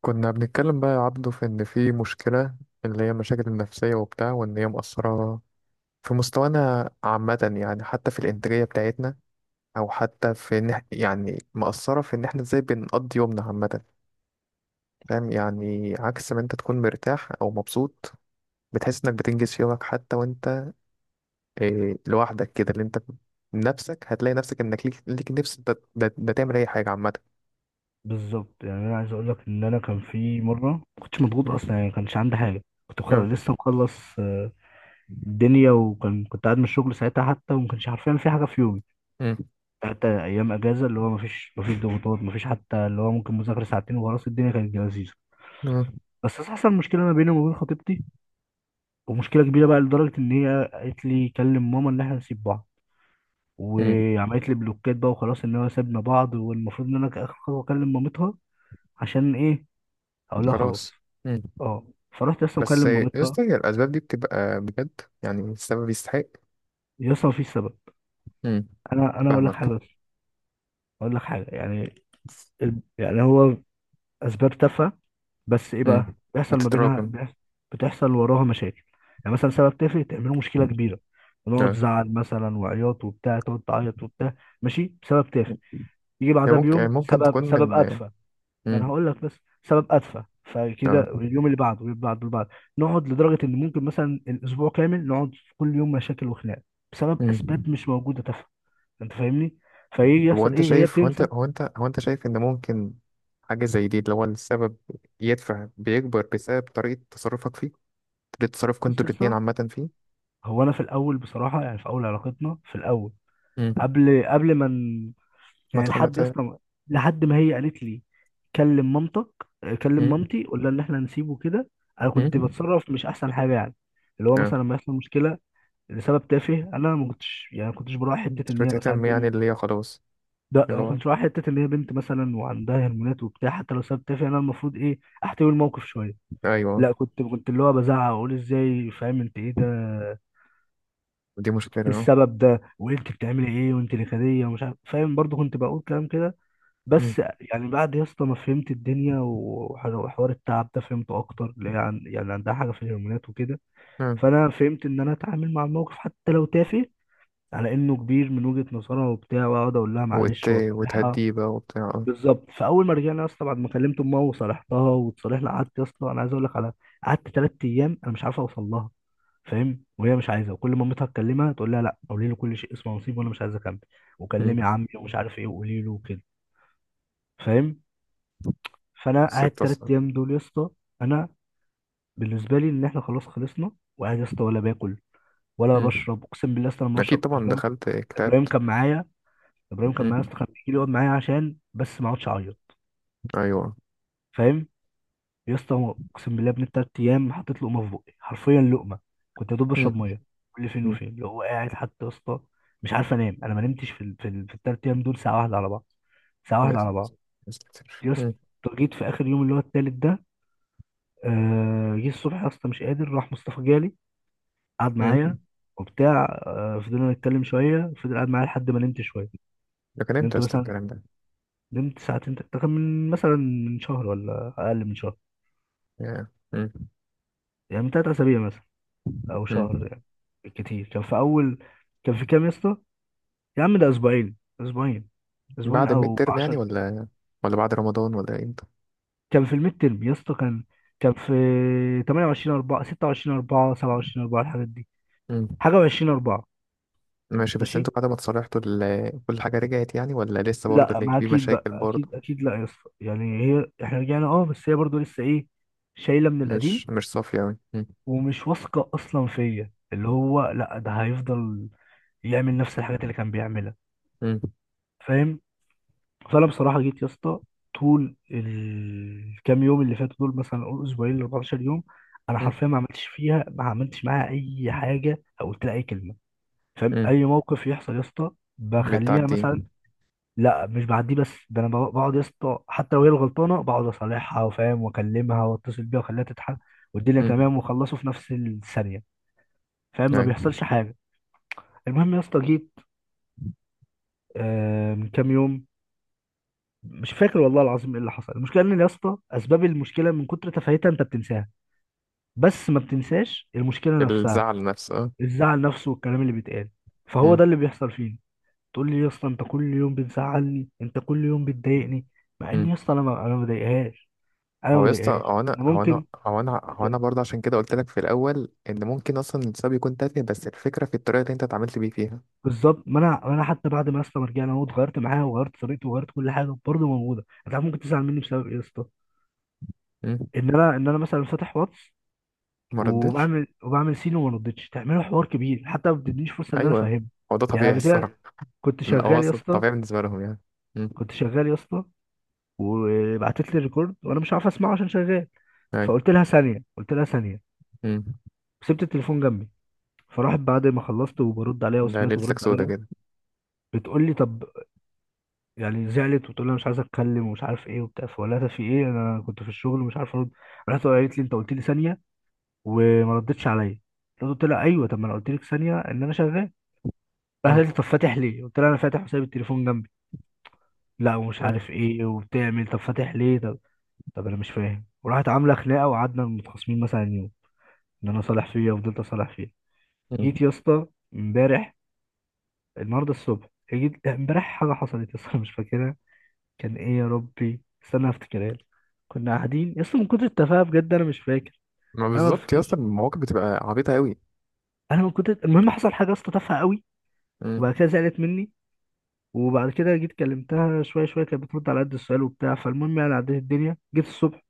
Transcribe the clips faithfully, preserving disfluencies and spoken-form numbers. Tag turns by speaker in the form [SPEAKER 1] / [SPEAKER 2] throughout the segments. [SPEAKER 1] كنا بنتكلم بقى يا عبده، في إن في مشكلة، اللي هي مشاكل النفسية وبتاع، وإن هي مؤثرة في مستوانا عامة. يعني حتى في الإنتاجية بتاعتنا، أو حتى في إن إح- يعني مؤثرة في إن إحنا إزاي بنقضي يومنا عامة. فاهم؟ يعني عكس ما أنت تكون مرتاح أو مبسوط، بتحس إنك بتنجز في يومك، حتى وأنت إيه لوحدك كده، اللي أنت نفسك هتلاقي نفسك إنك ليك, ليك نفس ده, ده, ده تعمل أي حاجة عامة.
[SPEAKER 2] بالظبط، يعني انا عايز اقول لك ان انا كان في مره ما كنتش مضغوط
[SPEAKER 1] م؟
[SPEAKER 2] اصلا، يعني ما كانش عندي حاجه. كنت
[SPEAKER 1] آه.
[SPEAKER 2] مخلص، لسه مخلص آه، الدنيا. وكان كنت قاعد من الشغل ساعتها، حتى وما كانش عارفين في حاجه في يومي،
[SPEAKER 1] م.
[SPEAKER 2] حتى ايام اجازه. اللي هو ما فيش ما فيش ضغوطات، ما فيش حتى اللي هو ممكن مذاكره ساعتين وخلاص. الدنيا كانت لذيذه.
[SPEAKER 1] آه.
[SPEAKER 2] بس حصل مشكله ما بيني وما بين خطيبتي، ومشكله كبيره بقى لدرجه ان هي قالت لي كلم ماما ان احنا نسيب بعض.
[SPEAKER 1] م.
[SPEAKER 2] وعملت لي بلوكات بقى وخلاص ان هو سابنا بعض، والمفروض ان انا كاخر خطوه اكلم مامتها. عشان ايه؟ اقول لها خلاص.
[SPEAKER 1] خلاص.
[SPEAKER 2] اه، فرحت لسه
[SPEAKER 1] بس
[SPEAKER 2] مكلم
[SPEAKER 1] يا
[SPEAKER 2] مامتها.
[SPEAKER 1] اسطى، هي الأسباب دي بتبقى بجد؟ يعني السبب يستحق؟
[SPEAKER 2] لسه مفيش سبب.
[SPEAKER 1] امم.
[SPEAKER 2] انا انا اقول لك
[SPEAKER 1] فاهمك.
[SPEAKER 2] حاجه بس، اقول لك حاجه يعني. ال... يعني هو اسباب تافهه. بس ايه
[SPEAKER 1] امم.
[SPEAKER 2] بقى بيحصل ما بينها؟
[SPEAKER 1] بتتراكم.
[SPEAKER 2] بيحص- بتحصل وراها مشاكل. يعني مثلا سبب تافه تعمله مشكله كبيره، ونقعد
[SPEAKER 1] اه.
[SPEAKER 2] زعل مثلا وعياط وبتاع، تقعد تعيط وبتاع. ماشي، بسبب تافه يجي
[SPEAKER 1] هي
[SPEAKER 2] بعدها
[SPEAKER 1] ممكن
[SPEAKER 2] بيوم
[SPEAKER 1] ممكن تكون
[SPEAKER 2] سبب سبب
[SPEAKER 1] من.
[SPEAKER 2] اتفه. ما
[SPEAKER 1] امم.
[SPEAKER 2] انا هقول لك بس. سبب ادفع،
[SPEAKER 1] اه.
[SPEAKER 2] فكده اليوم اللي بعده واللي بعده واللي بعده. نقعد لدرجه ان ممكن مثلا الاسبوع كامل نقعد كل يوم مشاكل وخناق، بسبب
[SPEAKER 1] امم.
[SPEAKER 2] اسباب مش موجوده تافهه. انت فاهمني. فيجي
[SPEAKER 1] طب هو
[SPEAKER 2] يحصل
[SPEAKER 1] انت
[SPEAKER 2] ايه، هي
[SPEAKER 1] شايف، هو انت
[SPEAKER 2] بتنسى.
[SPEAKER 1] هو انت هو انت شايف ان ممكن حاجة زي دي، اللي هو السبب يدفع بيكبر بسبب طريقة تصرفك فيه، طريقة تصرفك
[SPEAKER 2] بص
[SPEAKER 1] انتوا
[SPEAKER 2] يا
[SPEAKER 1] الاتنين
[SPEAKER 2] اسطى،
[SPEAKER 1] عامة فيه.
[SPEAKER 2] هو انا في الاول بصراحه، يعني في اول علاقتنا في الاول،
[SPEAKER 1] امم.
[SPEAKER 2] قبل قبل ما ن-
[SPEAKER 1] ما
[SPEAKER 2] يعني
[SPEAKER 1] تخ- ما
[SPEAKER 2] لحد يا
[SPEAKER 1] ت-
[SPEAKER 2] اسطى، لحد ما هي قالت لي كلم مامتك، كلم
[SPEAKER 1] امم.
[SPEAKER 2] مامتي قول لها ان احنا هنسيبه كده. انا كنت
[SPEAKER 1] امم.
[SPEAKER 2] بتصرف مش احسن حاجه يعني. اللي هو
[SPEAKER 1] اه.
[SPEAKER 2] مثلا لما يحصل مشكله لسبب تافه، انا ما كنتش يعني ما كنتش براعي حته
[SPEAKER 1] مش
[SPEAKER 2] ان هي مثلا
[SPEAKER 1] بتهتم يعني،
[SPEAKER 2] بنت.
[SPEAKER 1] اللي هي خلاص.
[SPEAKER 2] ده
[SPEAKER 1] اللي
[SPEAKER 2] ما
[SPEAKER 1] هو.
[SPEAKER 2] كنتش براعي حته ان هي بنت مثلا، وعندها هرمونات وبتاع. حتى لو سبب تافه، انا المفروض ايه؟ احتوي الموقف شويه.
[SPEAKER 1] ايوه.
[SPEAKER 2] لا، كنت كنت اللي هو بزعق واقول ازاي، فاهم، انت ايه ده،
[SPEAKER 1] دي مشكلة،
[SPEAKER 2] ايه
[SPEAKER 1] اه.
[SPEAKER 2] السبب ده، وانت بتعملي ايه، وانت نكديه، ومش عارف فاهم، برضو كنت بقول كلام كده. بس يعني بعد يا اسطى ما فهمت الدنيا وح- وحوار التعب ده فهمته اكتر، اللي هي عن- يعني عندها حاجه في الهرمونات وكده.
[SPEAKER 1] امم.
[SPEAKER 2] فانا فهمت ان انا اتعامل مع الموقف حتى لو تافه على انه كبير من وجهة نظرها وبتاع، واقعد اقول لها
[SPEAKER 1] وت...
[SPEAKER 2] معلش واصالحها.
[SPEAKER 1] وتهديه بقى وبتاع، اه.
[SPEAKER 2] بالظبط. فاول ما رجعنا يا اسطى، بعد ما كلمت امها وصالحتها وتصالحنا، قعدت يا اسطى، انا عايز اقول لك على، قعدت ثلاث ايام انا مش عارف اوصل لها، فاهم، وهي مش عايزه. وكل ما مامتها تكلمها تقول لها لا قولي له كل شيء اسمه نصيب، وانا مش عايزه اكمل،
[SPEAKER 1] مم.
[SPEAKER 2] وكلمي عمي ومش عارف ايه، وقولي له وكده. فاهم. فانا قاعد
[SPEAKER 1] ستة،
[SPEAKER 2] ثلاث
[SPEAKER 1] صح؟
[SPEAKER 2] ايام دول يا اسطى، انا بالنسبه لي ان احنا خلاص خلصنا. وقاعد يا اسطى ولا باكل ولا
[SPEAKER 1] مم.
[SPEAKER 2] بشرب. اقسم بالله يا اسطى، لما
[SPEAKER 1] أكيد
[SPEAKER 2] بشرب
[SPEAKER 1] طبعا،
[SPEAKER 2] ابراهيم،
[SPEAKER 1] دخلت
[SPEAKER 2] ابراهيم
[SPEAKER 1] كتابت.
[SPEAKER 2] كان معايا. ابراهيم كان معايا يا
[SPEAKER 1] مم.
[SPEAKER 2] اسطى، كان بيجي لي يقعد معايا عشان بس ما اقعدش اعيط.
[SPEAKER 1] أيوه.
[SPEAKER 2] فاهم. يا اسطى، هو اقسم بالله ابن التلات ايام حطيت لقمه في بقي، حرفيا لقمه. كنت يا دوب بشرب
[SPEAKER 1] مم.
[SPEAKER 2] ميه كل فين
[SPEAKER 1] مم.
[SPEAKER 2] وفين. اللي هو قاعد حتى يا اسطى، مش عارف انام. انا ما نمتش في ال... في, ال... في التلات ايام دول ساعه واحده على بعض. ساعه
[SPEAKER 1] يا
[SPEAKER 2] واحده على
[SPEAKER 1] ساتر.
[SPEAKER 2] بعض.
[SPEAKER 1] يا ساتر،
[SPEAKER 2] يا اسطى،
[SPEAKER 1] مم.
[SPEAKER 2] جيت في اخر يوم اللي هو التالت ده، آه... جه الصبح يا اسطى مش قادر، راح مصطفى جالي، قعد
[SPEAKER 1] مم.
[SPEAKER 2] معايا وبتاع. آه... فضلنا نتكلم شويه، فضل قاعد معايا لحد ما نمت شويه.
[SPEAKER 1] ده كان إمتى
[SPEAKER 2] نمت
[SPEAKER 1] يا اسطى
[SPEAKER 2] مثلا،
[SPEAKER 1] الكلام ده؟
[SPEAKER 2] نمت ساعتين تلاتة. ده كان من مثلا من شهر ولا أقل من شهر،
[SPEAKER 1] يا. مم.
[SPEAKER 2] يعني من تلات أسابيع مثلا، أو
[SPEAKER 1] مم.
[SPEAKER 2] شهر يعني. بالكتير، كان في أول، كان في كام يا اسطى؟ يا عم ده أسبوعين. أسبوعين. أسبوعين
[SPEAKER 1] بعد الميد
[SPEAKER 2] أو
[SPEAKER 1] ترم يعني،
[SPEAKER 2] عشر.
[SPEAKER 1] ولا ولا بعد رمضان، ولا إمتى؟
[SPEAKER 2] كان في الميد ترم يا اسطى، كان كان في ثمانية وعشرين أربعة ستة وعشرين أربعة سبعة وعشرين أربعة الحاجات دي،
[SPEAKER 1] مم.
[SPEAKER 2] حاجة و20 أربعة.
[SPEAKER 1] ماشي، بس
[SPEAKER 2] ماشي؟
[SPEAKER 1] انتوا بعد ما اتصالحتوا ال- كل حاجة رجعت يعني، ولا لسه برضه
[SPEAKER 2] لا
[SPEAKER 1] اللي
[SPEAKER 2] ما،
[SPEAKER 1] في
[SPEAKER 2] أكيد بقى،
[SPEAKER 1] مشاكل برضه؟
[SPEAKER 2] أكيد أكيد. لا يا اسطى يعني هي، إحنا رجعنا أه، بس هي برضه لسه إيه، شايلة من القديم،
[SPEAKER 1] مش مش صافية أوي، مم.
[SPEAKER 2] ومش واثقة أصلا فيا، اللي هو لا ده هيفضل يعمل نفس الحاجات اللي كان بيعملها.
[SPEAKER 1] مم.
[SPEAKER 2] فاهم. فانا بصراحه جيت يا اسطى طول الكام يوم اللي فاتوا دول، مثلا اقول اسبوعين ل أربعتاشر يوم، انا
[SPEAKER 1] مم.
[SPEAKER 2] حرفيا ما عملتش فيها، ما عملتش معاها اي حاجه او قلت لها اي كلمه. فاهم.
[SPEAKER 1] مم.
[SPEAKER 2] اي موقف يحصل يا اسطى بخليها
[SPEAKER 1] بتعدي.
[SPEAKER 2] مثلا. لا مش بعديه، بس ده انا بق- بقعد يا اسطى حتى لو هي الغلطانه بقعد اصالحها وفاهم واكلمها واتصل بيها واخليها تضحك والدنيا
[SPEAKER 1] مم.
[SPEAKER 2] تمام، وخلصوا في نفس الثانيه. فاهم. ما
[SPEAKER 1] يعني.
[SPEAKER 2] بيحصلش حاجه. المهم يا اسطى، جيت آه من كام يوم، مش فاكر والله العظيم ايه اللي حصل. المشكله ان يا اسطى اسباب المشكله من كتر تفاهتها انت بتنساها، بس ما بتنساش المشكله نفسها.
[SPEAKER 1] الزعل نفسه.
[SPEAKER 2] الزعل نفسه والكلام اللي بيتقال، فهو
[SPEAKER 1] اه.
[SPEAKER 2] ده اللي بيحصل فينا. تقول لي يا اسطى انت كل يوم بتزعلني، انت كل يوم بتضايقني، مع ان يا
[SPEAKER 1] مم.
[SPEAKER 2] اسطى انا ما انا ما بضايقهاش. انا ما
[SPEAKER 1] هو يا اسطى،
[SPEAKER 2] بضايقهاش.
[SPEAKER 1] هو انا
[SPEAKER 2] انا
[SPEAKER 1] هو انا
[SPEAKER 2] ممكن.
[SPEAKER 1] هو انا هو انا برضه عشان كده قلت لك في الاول ان ممكن اصلا السبب يكون تافه، بس الفكره في الطريقه اللي انت اتعاملت بيه فيها.
[SPEAKER 2] بالظبط، ما انا ما انا حتى بعد ما يا اسطى ما رجعنا اهو، اتغيرت معاها وغيرت طريقتي وغيرت كل حاجه برضه موجوده. انت عارف ممكن تزعل مني بسبب ايه يا اسطى؟
[SPEAKER 1] مم.
[SPEAKER 2] ان انا ان انا مثلا فاتح واتس،
[SPEAKER 1] ما ردتش.
[SPEAKER 2] وبعمل وبعمل سين وما ردتش، تعملوا حوار كبير، حتى ما بتدينيش فرصه ان انا
[SPEAKER 1] ايوه.
[SPEAKER 2] افهمها.
[SPEAKER 1] هو ده
[SPEAKER 2] يعني
[SPEAKER 1] طبيعي
[SPEAKER 2] قبل
[SPEAKER 1] الصراحه.
[SPEAKER 2] كده كنت
[SPEAKER 1] لا هو
[SPEAKER 2] شغال يا
[SPEAKER 1] اصلا
[SPEAKER 2] اسطى.
[SPEAKER 1] طبيعي بالنسبه لهم يعني. مم.
[SPEAKER 2] كنت شغال يا اسطى وبعتت لي الريكورد وانا مش عارف اسمعه عشان شغال.
[SPEAKER 1] ايوه.
[SPEAKER 2] فقلت لها ثانيه، قلت لها ثانيه.
[SPEAKER 1] مم.
[SPEAKER 2] سبت التليفون جنبي، فراحت بعد ما خلصت وبرد عليها
[SPEAKER 1] ده
[SPEAKER 2] وسمعت
[SPEAKER 1] ليلتك
[SPEAKER 2] وبرد
[SPEAKER 1] سودا
[SPEAKER 2] عليها.
[SPEAKER 1] كده.
[SPEAKER 2] بتقول لي طب، يعني زعلت، وتقول لي أنا مش عايزه اتكلم ومش عارف ايه وبتاع. فقلت لها ده في ايه، انا كنت في الشغل ومش عارف ارد. رحت قالت لي انت قلت لي ثانيه وما ردتش عليا. قلت لها ايوه، طب ما انا قلت لك ثانيه ان انا شغال. راح
[SPEAKER 1] مم.
[SPEAKER 2] قال لي طب فاتح ليه؟ قلت له انا فاتح وسايب التليفون جنبي. لا ومش
[SPEAKER 1] ايوه.
[SPEAKER 2] عارف ايه، وبتعمل طب فاتح ليه؟ طب، طب انا مش فاهم. وراحت عامله خناقه وقعدنا متخاصمين مثلا يوم، ان انا صالح فيها، وفضلت اصالح فيها.
[SPEAKER 1] مم.
[SPEAKER 2] جيت يا اسطى، امبارح، النهارده الصبح، جيت لا، امبارح حاجه حصلت يا اسطى مش فاكرها. كان ايه يا ربي، استنى افتكرها لك. كنا قاعدين يا اسطى، من كتر التفاهه بجد انا مش فاكر.
[SPEAKER 1] ما
[SPEAKER 2] انا ما
[SPEAKER 1] بالظبط يا اسطى،
[SPEAKER 2] افتكرش.
[SPEAKER 1] المواقف بتبقى عبيطه قوي.
[SPEAKER 2] انا من كتر المهم حصل حاجه يا اسطى تافهه قوي.
[SPEAKER 1] مم.
[SPEAKER 2] وبعد كده زعلت مني، وبعد كده جيت كلمتها، شويه شويه كانت بترد على قد السؤال وبتاع. فالمهم يعني عديت الدنيا، جيت الصبح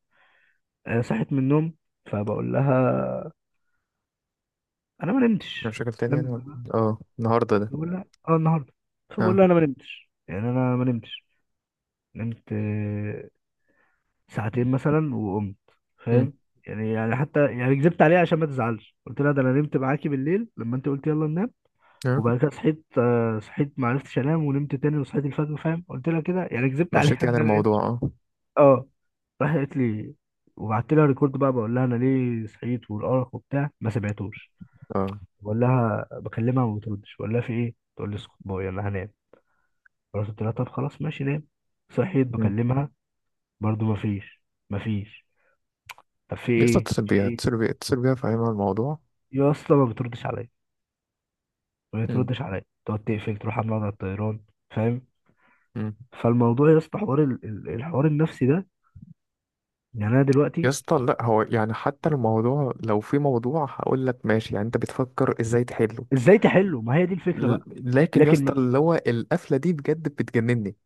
[SPEAKER 2] آه، صحيت من النوم. فبقول لها انا ما نمتش.
[SPEAKER 1] مشاكل تانية يعني ولا-
[SPEAKER 2] فاهم.
[SPEAKER 1] اه النهارده ده.
[SPEAKER 2] بقول لها اه النهارده. فبقول
[SPEAKER 1] اه.
[SPEAKER 2] لها انا ما نمتش، يعني انا ما نمتش. نمت آه، ساعتين مثلا وقمت.
[SPEAKER 1] مم.
[SPEAKER 2] فاهم. يعني يعني حتى يعني كذبت عليها عشان ما تزعلش، قلت لها ده انا نمت معاكي بالليل لما انت قلت يلا ننام.
[SPEAKER 1] اه.
[SPEAKER 2] وبعد كده صحيت، آه، صحيت، ما عرفتش انام، ونمت تاني وصحيت الفجر. فاهم. قلت لها كده يعني، كذبت عليها
[SPEAKER 1] مشاكل يعني
[SPEAKER 2] ان انا
[SPEAKER 1] الموضوع،
[SPEAKER 2] نمت.
[SPEAKER 1] اه.
[SPEAKER 2] اه. راح قالت لي، وبعت لها ريكورد بقى، بقول لها انا ليه صحيت والارق وبتاع، ما سمعتوش.
[SPEAKER 1] اه.
[SPEAKER 2] بقول لها، بكلمها ما بتردش. بقول لها في ايه، تقول لي اسكت بقى يلا هنام. خلاص قلت لها طب خلاص ماشي نام. صحيت
[SPEAKER 1] مم.
[SPEAKER 2] بكلمها، برضو ما فيش، ما فيش. طب في
[SPEAKER 1] يا اسطى،
[SPEAKER 2] ايه؟
[SPEAKER 1] اتصل
[SPEAKER 2] في
[SPEAKER 1] بيها
[SPEAKER 2] ايه؟
[SPEAKER 1] اتصل بيها اتصل بيها، فاهمها الموضوع.
[SPEAKER 2] يا اصلا ما بتردش عليا، ما بتردش عليا. تقعد تقفل، تروح عامله على الطيران. فاهم.
[SPEAKER 1] مم.
[SPEAKER 2] فالموضوع يا اسطى، حوار ال- ال- الحوار النفسي ده. يعني انا
[SPEAKER 1] يا
[SPEAKER 2] دلوقتي،
[SPEAKER 1] اسطى، لا هو يعني حتى الموضوع لو في موضوع هقول لك ماشي، يعني انت بتفكر ازاي تحله؟
[SPEAKER 2] ازاي تحله؟ ما هي دي الفكره
[SPEAKER 1] ل-
[SPEAKER 2] بقى.
[SPEAKER 1] لكن يا
[SPEAKER 2] لكن
[SPEAKER 1] اسطى،
[SPEAKER 2] من-
[SPEAKER 1] اللي هو القفله دي بجد بتجنني.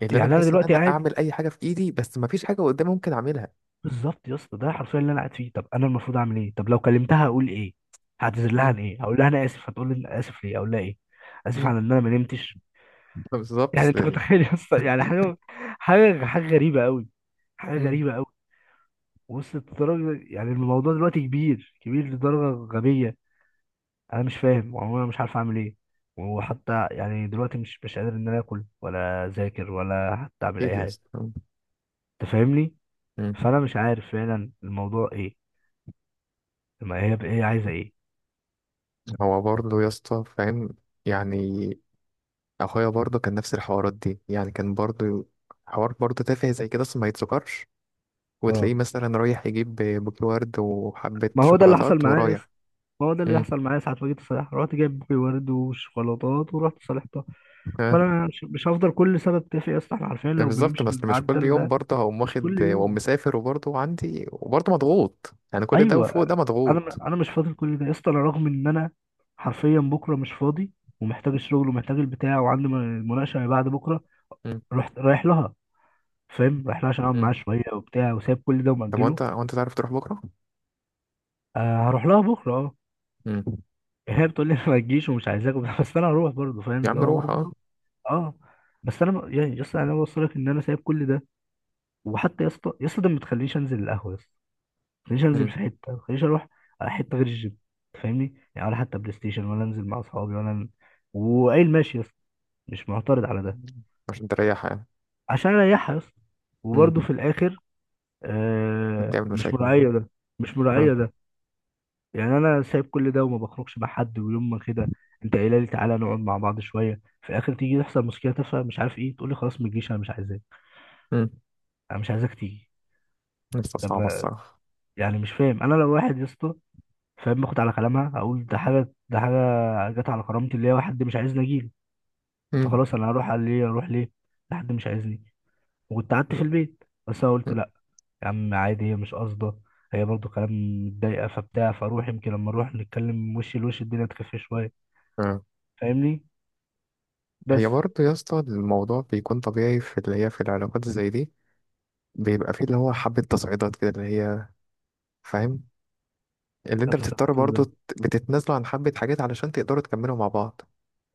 [SPEAKER 1] يعني اللي انا
[SPEAKER 2] يعني انا
[SPEAKER 1] بحس ان
[SPEAKER 2] دلوقتي
[SPEAKER 1] انا
[SPEAKER 2] قاعد.
[SPEAKER 1] اعمل اي حاجه في ايدي، بس ما فيش حاجه قدامي ممكن اعملها.
[SPEAKER 2] بالظبط يا اسطى، ده حرفيا اللي انا قاعد فيه. طب انا المفروض اعمل ايه؟ طب لو كلمتها اقول ايه؟ هعتذر لها
[SPEAKER 1] مم.
[SPEAKER 2] عن ايه؟ هقول لها انا اسف، هتقول لي انا اسف ليه، اقول لها ايه؟ اسف
[SPEAKER 1] مم.
[SPEAKER 2] على ان انا ما نمتش.
[SPEAKER 1] بالظبط،
[SPEAKER 2] يعني انت
[SPEAKER 1] أصل.
[SPEAKER 2] متخيل يا اسطى، يعني حاجه، حاجه حاجه غريبه قوي. حاجه
[SPEAKER 1] مم.
[SPEAKER 2] غريبه قوي. وصلت لدرجه، يعني الموضوع دلوقتي كبير كبير لدرجه غبيه. انا مش فاهم، وانا مش عارف اعمل ايه. وحتى يعني دلوقتي مش مش قادر ان انا اكل ولا اذاكر ولا حتى اعمل
[SPEAKER 1] اكيد
[SPEAKER 2] اي
[SPEAKER 1] يا
[SPEAKER 2] حاجه.
[SPEAKER 1] اسطى، مم.
[SPEAKER 2] انت فاهمني.
[SPEAKER 1] مم.
[SPEAKER 2] فانا مش عارف فعلا الموضوع ايه. ما هي هي عايزه ايه.
[SPEAKER 1] هو برضه يا اسطى، فاهم؟ يعني اخويا برضه كان نفس الحوارات دي، يعني كان برضه حوار برضه تافه زي كده، اصلا ما يتذكرش. وتلاقيه
[SPEAKER 2] اه،
[SPEAKER 1] مثلا رايح يجيب بوكيه ورد وحبة
[SPEAKER 2] ما هو ده اللي حصل
[SPEAKER 1] شوكولاتات
[SPEAKER 2] معايا يا اسطى،
[SPEAKER 1] ورايح.
[SPEAKER 2] ما هو ده اللي
[SPEAKER 1] امم.
[SPEAKER 2] يحصل معايا، ساعة ما جيت صالحها رحت جايب بوكي ورد وشوكولاتات ورحت صالحتها.
[SPEAKER 1] ها.
[SPEAKER 2] فانا مش مش هفضل كل سنة اتفق يا اسطى. احنا عارفين لو
[SPEAKER 1] بالظبط،
[SPEAKER 2] بنمشي
[SPEAKER 1] بس مش كل
[SPEAKER 2] بالمعدل
[SPEAKER 1] يوم
[SPEAKER 2] ده
[SPEAKER 1] برضه هقوم
[SPEAKER 2] مش كل
[SPEAKER 1] واخد واقوم
[SPEAKER 2] يوم.
[SPEAKER 1] مسافر، وبرضه عندي وبرضه مضغوط، يعني كل ده
[SPEAKER 2] ايوه.
[SPEAKER 1] وفوق ده مضغوط.
[SPEAKER 2] انا انا مش فاضل كل ده يا اسطى. انا رغم ان انا حرفيا بكره مش فاضي، ومحتاج الشغل ومحتاج البتاع، وعندي م- مناقشة اللي بعد بكره.
[SPEAKER 1] امم.
[SPEAKER 2] رحت رايح لها، فاهم، رايح لها عشان اقعد معاها
[SPEAKER 1] امم.
[SPEAKER 2] شوية وبتاع، وسايب كل ده
[SPEAKER 1] طب
[SPEAKER 2] ومأجله.
[SPEAKER 1] وانت وانت تعرف تروح بكرة؟
[SPEAKER 2] آه هروح لها بكره اه.
[SPEAKER 1] امم.
[SPEAKER 2] هي بتقول لي ما تجيش ومش عايزاك وبتاع، بس انا هروح برضه، فاهم،
[SPEAKER 1] يا
[SPEAKER 2] اللي
[SPEAKER 1] عم
[SPEAKER 2] هو
[SPEAKER 1] روح، اه.
[SPEAKER 2] برضه اه. بس انا ب- يعني يا اسطى، يعني انا بوصلك ان انا سايب كل ده. وحتى يا اسطى، يا اسطى ده، ما تخلينيش انزل القهوه يا اسطى، ما تخلينيش انزل
[SPEAKER 1] امم.
[SPEAKER 2] في حته، ما تخلينيش اروح على حته غير الجيم. أنت فاهمني، يعني ولا حتى بلاي ستيشن، ولا انزل مع اصحابي، ولا ن- وقايل ماشي يا اسطى، مش معترض على ده.
[SPEAKER 1] عشان تريح يعني.
[SPEAKER 2] عشان اريحها يا اسطى. وبرده
[SPEAKER 1] امم.
[SPEAKER 2] في الاخر آه
[SPEAKER 1] تعمل
[SPEAKER 2] مش
[SPEAKER 1] مشاكل.
[SPEAKER 2] مراعيه ده. مش
[SPEAKER 1] اه.
[SPEAKER 2] مراعيه ده. يعني انا سايب كل ده وما بخرجش مع حد، ويوم ما كده، انت قايله لي تعالى نقعد مع بعض شويه، في الاخر تيجي تحصل مشكله تافهه مش عارف ايه، تقول لي خلاص ما تجيش انا مش عايزاك.
[SPEAKER 1] امم.
[SPEAKER 2] انا مش عايزاك تيجي.
[SPEAKER 1] لسه
[SPEAKER 2] طب،
[SPEAKER 1] صعبة الصراحة.
[SPEAKER 2] يعني مش فاهم. انا لو واحد يا اسطى، فاهم، باخد على كلامها، اقول ده حاجه، ده حاجه جت على كرامتي، اللي هي واحد مش عايزني اجيله،
[SPEAKER 1] امم.
[SPEAKER 2] فخلاص انا هروح على ليه؟ اروح ليه؟ ده حد مش عايزني. وكنت قعدت في البيت، بس انا قلت لا، يا عم عادي، هي مش قاصده، هي برضو كلام متضايقه فبتاع، فاروح يمكن لما اروح نتكلم وش لوش الدنيا تخف شويه.
[SPEAKER 1] آه.
[SPEAKER 2] فاهمني. بس
[SPEAKER 1] هي برضه يا اسطى، الموضوع بيكون طبيعي في اللي هي، في العلاقات زي دي بيبقى فيه اللي هو حبة تصعيدات كده، اللي هي، فاهم؟ اللي انت بتضطر
[SPEAKER 2] اتصرفت
[SPEAKER 1] برضو
[SPEAKER 2] ازاي؟
[SPEAKER 1] ت- بتتنازلوا عن حبة حاجات علشان تقدروا تكملوا مع بعض.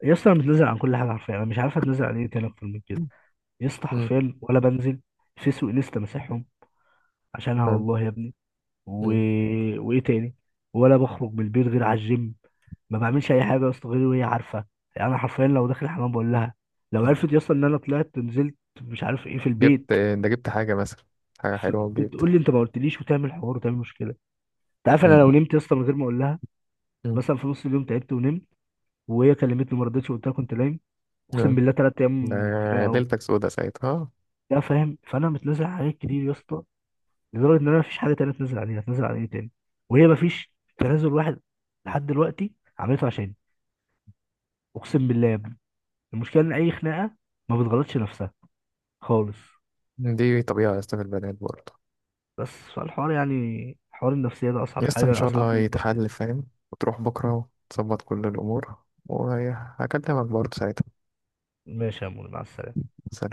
[SPEAKER 2] يا اسطى انا متنازل عن كل حاجه حرفيا، انا مش عارف اتنازل عن ايه تاني اكتر من كده.
[SPEAKER 1] مم.
[SPEAKER 2] يا اسطى
[SPEAKER 1] مم.
[SPEAKER 2] حرفيا ولا بنزل فيس وانستا، مسحهم عشانها والله يا ابني. و...
[SPEAKER 1] مم.
[SPEAKER 2] وايه تاني، ولا بخرج من البير غير على الجيم. ما بعملش اي حاجه يا اسطى غير وهي عارفه. يعني انا حرفيا لو داخل الحمام بقول لها. لو
[SPEAKER 1] مم.
[SPEAKER 2] عرفت يا اسطى ان انا طلعت نزلت مش عارف ايه في البيت،
[SPEAKER 1] جبت ده جبت حاجة مثلا، حاجة
[SPEAKER 2] ف-
[SPEAKER 1] حلوة وجبت.
[SPEAKER 2] بتقول لي انت ما قلتليش وتعمل حوار وتعمل مشكله. انت عارف انا
[SPEAKER 1] مم.
[SPEAKER 2] لو نمت يا اسطى من غير ما اقول لها،
[SPEAKER 1] مم.
[SPEAKER 2] مثلا في نص اليوم تعبت ونمت، وهي كلمتني ما ردتش وقلت لها كنت نايم، اقسم
[SPEAKER 1] آه.
[SPEAKER 2] بالله ثلاث
[SPEAKER 1] ده
[SPEAKER 2] ايام خناقه. و...
[SPEAKER 1] ليلتك سودة ساعتها، آه.
[SPEAKER 2] لا فاهم. فانا متنازل عن حاجات كتير يا اسطى لدرجه ان انا مفيش حاجه تانيه اتنازل عليها. اتنازل عن ايه تاني؟ وهي مفيش تنازل واحد لحد دلوقتي عملته عشان، اقسم بالله يا ابني، المشكله ان اي خناقه ما بتغلطش نفسها خالص.
[SPEAKER 1] دي طبيعة يا اسطى في البنات برضه.
[SPEAKER 2] بس فالحوار يعني، حوار النفسيه ده اصعب
[SPEAKER 1] يا اسطى إن
[SPEAKER 2] حاجه،
[SPEAKER 1] شاء
[SPEAKER 2] اصعب
[SPEAKER 1] الله
[SPEAKER 2] من الضغط.
[SPEAKER 1] يتحل، فاهم؟ وتروح بكرة وتظبط كل الأمور، وهكلمك برضه ساعتها.
[SPEAKER 2] ماشي يا مول، مع السلامه.
[SPEAKER 1] سلام.